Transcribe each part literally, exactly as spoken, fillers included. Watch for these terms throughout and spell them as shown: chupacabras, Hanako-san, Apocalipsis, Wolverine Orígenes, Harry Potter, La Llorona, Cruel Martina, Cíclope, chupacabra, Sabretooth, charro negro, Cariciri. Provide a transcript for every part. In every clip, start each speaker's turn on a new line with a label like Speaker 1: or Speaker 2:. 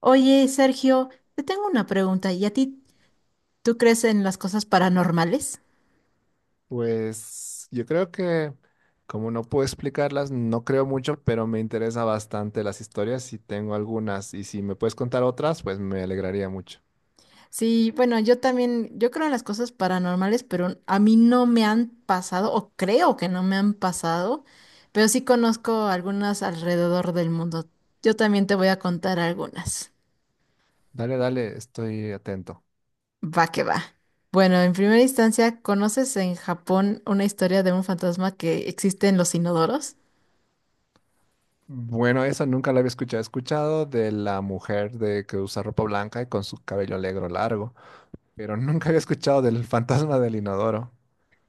Speaker 1: Oye, Sergio, te tengo una pregunta. ¿Y a ti, tú crees en las cosas paranormales?
Speaker 2: Pues yo creo que, como no puedo explicarlas, no creo mucho, pero me interesa bastante las historias y tengo algunas. Y si me puedes contar otras, pues me alegraría mucho.
Speaker 1: Sí, bueno, yo también, yo creo en las cosas paranormales, pero a mí no me han pasado, o creo que no me han pasado, pero sí conozco algunas alrededor del mundo. Yo también te voy a contar algunas.
Speaker 2: Dale, dale, estoy atento.
Speaker 1: Va que va. Bueno, en primera instancia, ¿conoces en Japón una historia de un fantasma que existe en los inodoros?
Speaker 2: Bueno, eso nunca lo había escuchado. He escuchado de la mujer de que usa ropa blanca y con su cabello negro largo, pero nunca había escuchado del fantasma del inodoro.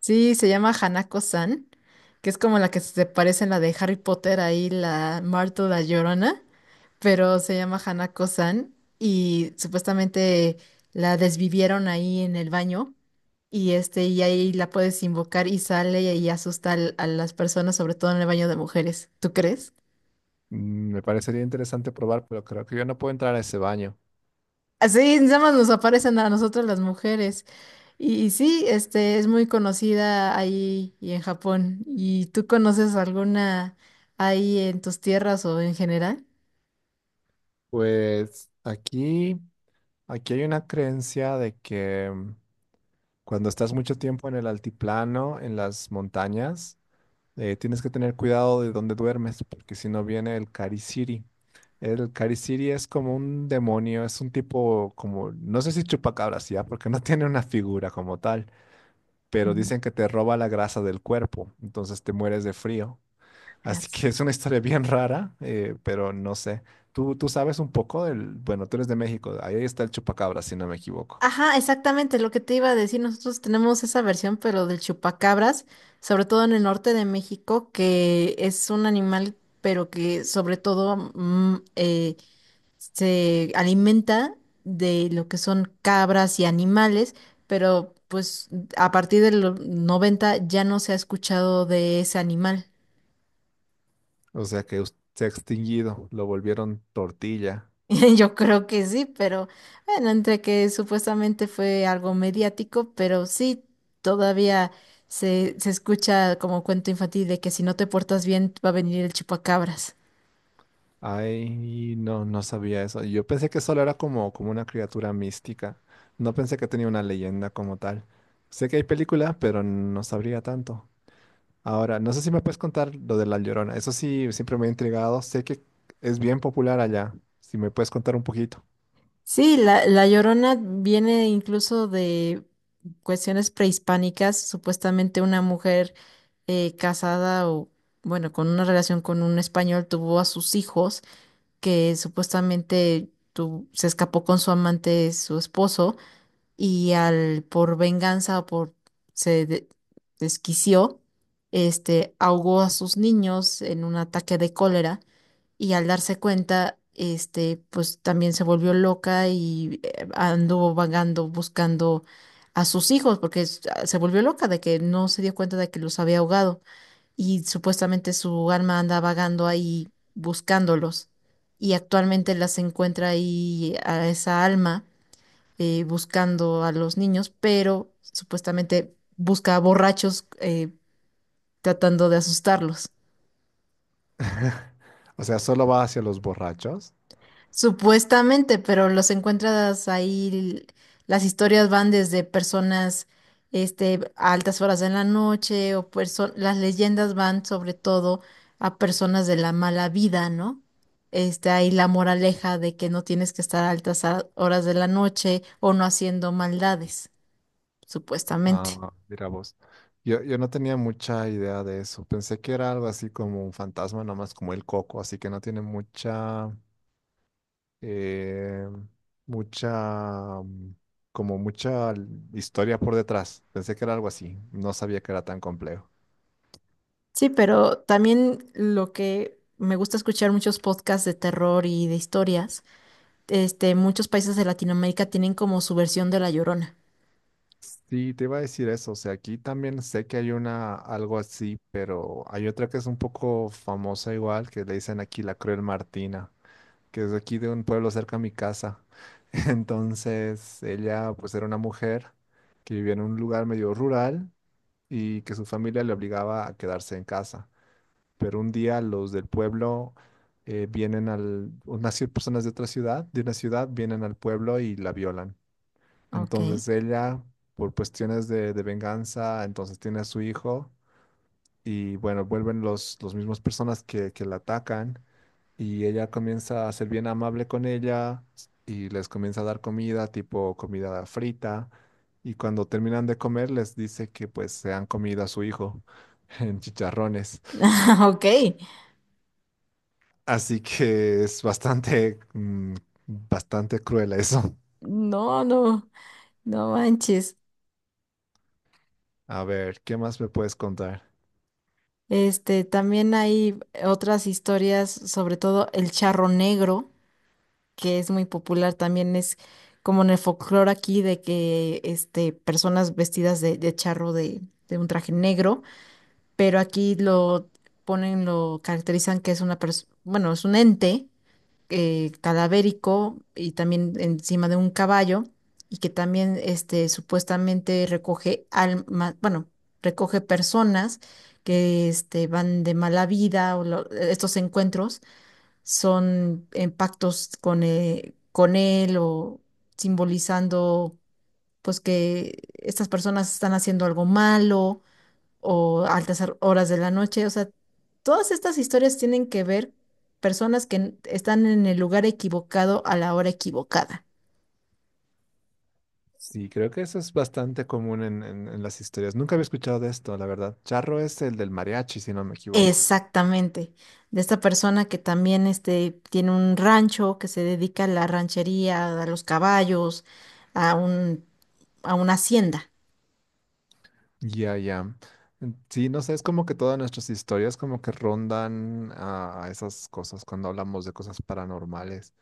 Speaker 1: Sí, se llama Hanako-san, que es como la que se parece en la de Harry Potter, ahí la Marta la Llorona, pero se llama Hanako-san y supuestamente la desvivieron ahí en el baño y este y ahí la puedes invocar y sale y asusta al- a las personas, sobre todo en el baño de mujeres. ¿Tú crees?
Speaker 2: Mm, me parecería interesante probar, pero creo que yo no puedo entrar a ese baño.
Speaker 1: Así nada más nos aparecen a nosotras las mujeres. Y, y sí, este es muy conocida ahí y en Japón. ¿Y tú conoces alguna ahí en tus tierras o en general?
Speaker 2: Pues aquí, aquí hay una creencia de que cuando estás mucho tiempo en el altiplano, en las montañas, eh, tienes que tener cuidado de dónde duermes, porque si no viene el Cariciri. El Cariciri es como un demonio, es un tipo como, no sé si chupacabras ya, porque no tiene una figura como tal, pero
Speaker 1: Ujú,
Speaker 2: dicen que te roba la grasa del cuerpo, entonces te mueres de frío. Así
Speaker 1: gracias.
Speaker 2: que es una historia bien rara, eh, pero no sé. Tú, tú sabes un poco del, bueno, tú eres de México, ahí está el chupacabras, si no me equivoco.
Speaker 1: Ajá, exactamente lo que te iba a decir. Nosotros tenemos esa versión, pero del chupacabras, sobre todo en el norte de México, que es un animal, pero que sobre todo mm, eh, se alimenta de lo que son cabras y animales, pero pues a partir de los noventa ya no se ha escuchado de ese animal.
Speaker 2: O sea que us- se ha extinguido, lo volvieron tortilla.
Speaker 1: Yo creo que sí, pero bueno, entre que supuestamente fue algo mediático, pero sí, todavía se, se escucha como cuento infantil de que si no te portas bien va a venir el chupacabras.
Speaker 2: Ay, no, no sabía eso. Yo pensé que solo era como, como una criatura mística. No pensé que tenía una leyenda como tal. Sé que hay película, pero no sabría tanto. Ahora, no sé si me puedes contar lo de La Llorona. Eso sí, siempre me ha intrigado. Sé que es bien popular allá. Si me puedes contar un poquito.
Speaker 1: Sí, la, la Llorona viene incluso de cuestiones prehispánicas, supuestamente una mujer eh, casada o, bueno, con una relación con un español tuvo a sus hijos, que supuestamente tu- se escapó con su amante, su esposo, y al, por venganza o por, se de- desquició, este, ahogó a sus niños en un ataque de cólera y al darse cuenta, este, pues también se volvió loca y eh, anduvo vagando buscando a sus hijos porque es- ah, se volvió loca de que no se dio cuenta de que los había ahogado y supuestamente su alma anda vagando ahí buscándolos y actualmente las encuentra ahí a esa alma eh, buscando a los niños, pero supuestamente busca a borrachos eh, tratando de asustarlos.
Speaker 2: O sea, ¿solo va hacia los borrachos?
Speaker 1: Supuestamente, pero los encuentras ahí, las historias van desde personas, este, a altas horas de la noche, o perso- las leyendas van sobre todo a personas de la mala vida, ¿no? Este, ahí la moraleja de que no tienes que estar a altas a- horas de la noche o no haciendo maldades, supuestamente.
Speaker 2: Ah, mira vos. Yo, yo no tenía mucha idea de eso. Pensé que era algo así como un fantasma, nomás como el coco, así que no tiene mucha, eh, mucha, mm, como mucha l- historia por detrás. Pensé que era algo así. No sabía que era tan complejo.
Speaker 1: Sí, pero también lo que me gusta escuchar muchos podcasts de terror y de historias este, muchos países de Latinoamérica tienen como su versión de La Llorona.
Speaker 2: Sí, te iba a decir eso. O sea, aquí también sé que hay una, algo así, pero hay otra que es un poco famosa igual, que le dicen aquí la Cruel Martina, que es de aquí de un pueblo cerca a mi casa. Entonces, ella pues era una mujer que vivía en un lugar medio rural y que su familia le obligaba a quedarse en casa. Pero un día los del pueblo eh, vienen al, unas cier- personas de otra ciudad, de una ciudad, vienen al pueblo y la violan.
Speaker 1: Ok.
Speaker 2: Entonces ella, por cuestiones de, de venganza, entonces tiene a su hijo y bueno, vuelven los, los mismos personas que, que la atacan y ella comienza a ser bien amable con ella y les comienza a dar comida, tipo comida frita, y cuando terminan de comer les dice que pues se han comido a su hijo en chicharrones.
Speaker 1: Ok.
Speaker 2: Así que es bastante, mm, bastante cruel eso.
Speaker 1: No, no, no manches.
Speaker 2: A ver, ¿qué más me puedes contar?
Speaker 1: Este, también hay otras historias, sobre todo el charro negro, que es muy popular, también es como en el folclore aquí de que este, personas vestidas de, de charro de, de un traje negro, pero aquí lo ponen, lo caracterizan que es una persona, bueno, es un ente eh, cadavérico y también encima de un caballo y que también este, supuestamente recoge almas, bueno, recoge personas que este, van de mala vida o lo- estos encuentros son en pactos con, eh, con él o simbolizando pues que estas personas están haciendo algo malo o altas ar- horas de la noche. O sea, todas estas historias tienen que ver personas que n- están en el lugar equivocado a la hora equivocada.
Speaker 2: Sí, creo que eso es bastante común en, en en las historias. Nunca había escuchado de esto, la verdad. Charro es el del mariachi, si no me equivoco.
Speaker 1: Exactamente. De esta persona que también este, tiene un rancho, que se dedica a la ranchería, a los caballos, a un, a una hacienda.
Speaker 2: Ya, ya. Mm, sí, no sé, es como que todas nuestras historias como que rondan a, a esas cosas cuando hablamos de cosas paranormales.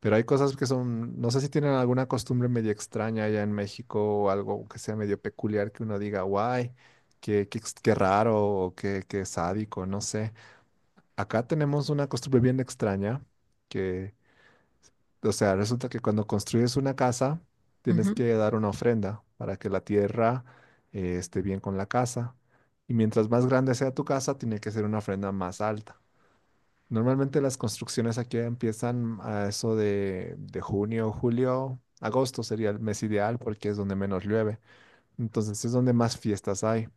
Speaker 2: Pero hay cosas que son, no sé si tienen alguna costumbre medio extraña allá en México o algo que sea medio peculiar que uno diga, guay, qué, qué, ex- qué raro o qué, qué sádico, no sé. Acá tenemos una costumbre bien extraña, o sea, resulta que cuando construyes una casa, tienes
Speaker 1: Ujú.
Speaker 2: que dar una ofrenda para que la tierra eh, esté bien con la casa. Y mientras más grande sea tu casa, tiene que ser una ofrenda más alta. Normalmente las construcciones aquí empiezan a eso de, de junio, julio, agosto sería el mes ideal porque es donde menos llueve. Entonces es donde más fiestas hay.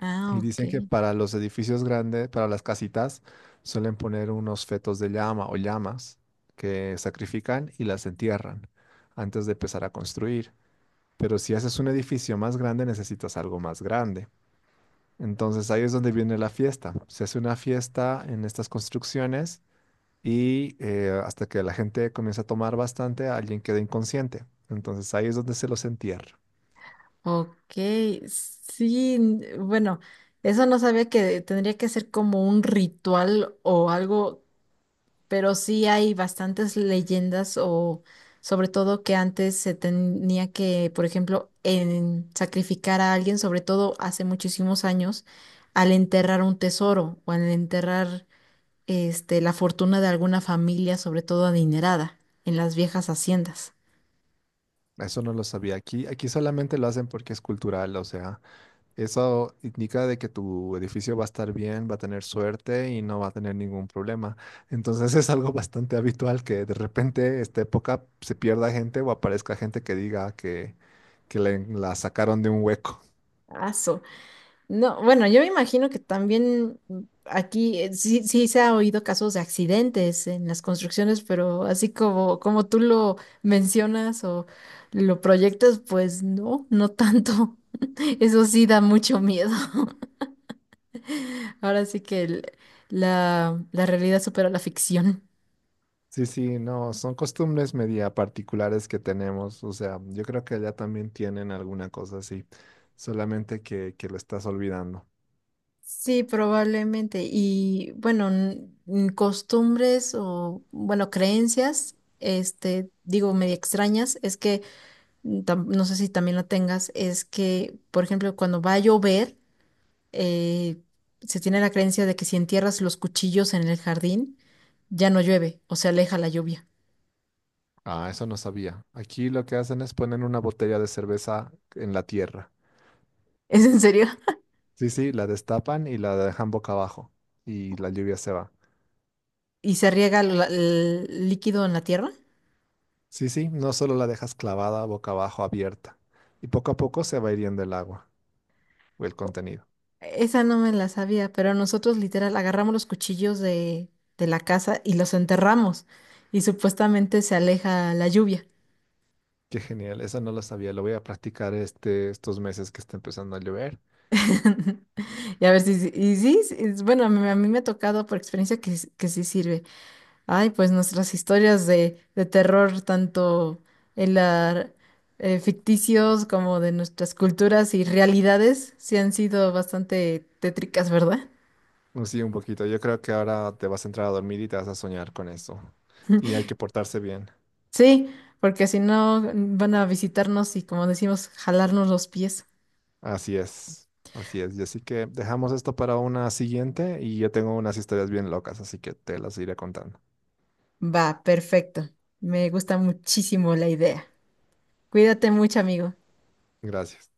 Speaker 1: Ah,
Speaker 2: Y dicen que
Speaker 1: ok.
Speaker 2: para los edificios grandes, para las casitas, suelen poner unos fetos de llama o llamas que sacrifican y las entierran antes de empezar a construir. Pero si haces un edificio más grande, necesitas algo más grande. Entonces ahí es donde viene la fiesta. Se hace una fiesta en estas construcciones y eh, hasta que la gente comienza a tomar bastante, alguien queda inconsciente. Entonces ahí es donde se los entierra.
Speaker 1: Ok. Sí, n- bueno, eso no sabía que tendría que ser como un ritual o algo, pero sí hay bastantes leyendas o sobre todo que antes se tenía que, por ejemplo, en sacrificar a alguien, sobre todo hace muchísimos años, al enterrar un tesoro o al enterrar este la fortuna de alguna familia, sobre todo adinerada, en las viejas haciendas.
Speaker 2: Eso no lo sabía aquí. Aquí solamente lo hacen porque es cultural, o sea. Eso indica de que tu edificio va a estar bien, va a tener suerte y no va a tener ningún problema. Entonces es algo bastante habitual que de repente esta época se pierda gente o aparezca gente que diga que, que le- la sacaron de un hueco.
Speaker 1: Ah, no, bueno, yo me imagino que también mm, aquí eh, sí, sí se ha oído casos de accidentes en las construcciones, pero así como, como tú lo mencionas o lo proyectas, pues no, no tanto. Eso sí da mucho miedo. Ahora sí que el- la, la realidad supera la ficción.
Speaker 2: Sí, sí, no, son costumbres media particulares que tenemos. O sea, yo creo que allá también tienen alguna cosa así, solamente que, que lo estás olvidando.
Speaker 1: Sí, probablemente. Y bueno, n- n- costumbres o, bueno, creencias, este, digo, medio extrañas, es que mm, tam- no sé si también lo tengas, es que, por ejemplo, cuando va a llover, eh, se tiene la creencia de que si entierras los cuchillos en el jardín, ya no llueve o se aleja la lluvia.
Speaker 2: Ah, eso no sabía. Aquí lo que hacen es poner una botella de cerveza en la tierra.
Speaker 1: ¿Es en serio?
Speaker 2: Sí, sí, la destapan y la dejan boca abajo y la lluvia se va.
Speaker 1: ¿Y se riega la- el líquido en la tierra?
Speaker 2: Sí, sí, no solo la dejas clavada boca abajo abierta y poco a poco se va hiriendo el agua o el contenido.
Speaker 1: Esa no me la sabía, pero nosotros literal agarramos los cuchillos de, de la casa y los enterramos y supuestamente se aleja la lluvia.
Speaker 2: Qué genial, eso no lo sabía, lo voy a practicar este, estos meses que está empezando a llover.
Speaker 1: Y a ver si, si- y sí, sí, es- bueno, a mí, a mí me ha tocado por experiencia que, s- que sí sirve. Ay, pues nuestras historias de, de terror, tanto en la, eh, ficticios como de nuestras culturas y realidades, sí han sido bastante tétricas, ¿verdad?
Speaker 2: Mm, sí, un poquito, yo creo que ahora te vas a entrar a dormir y te vas a soñar con eso. Y hay que portarse bien.
Speaker 1: Sí, porque si no mm, van a visitarnos y, como decimos, jalarnos los pies.
Speaker 2: Así es, así es. Y así que dejamos esto para una siguiente y yo tengo unas historias bien locas, así que te las iré contando.
Speaker 1: Va, perfecto. Me gusta muchísimo la idea. Cuídate mucho, amigo.
Speaker 2: Gracias.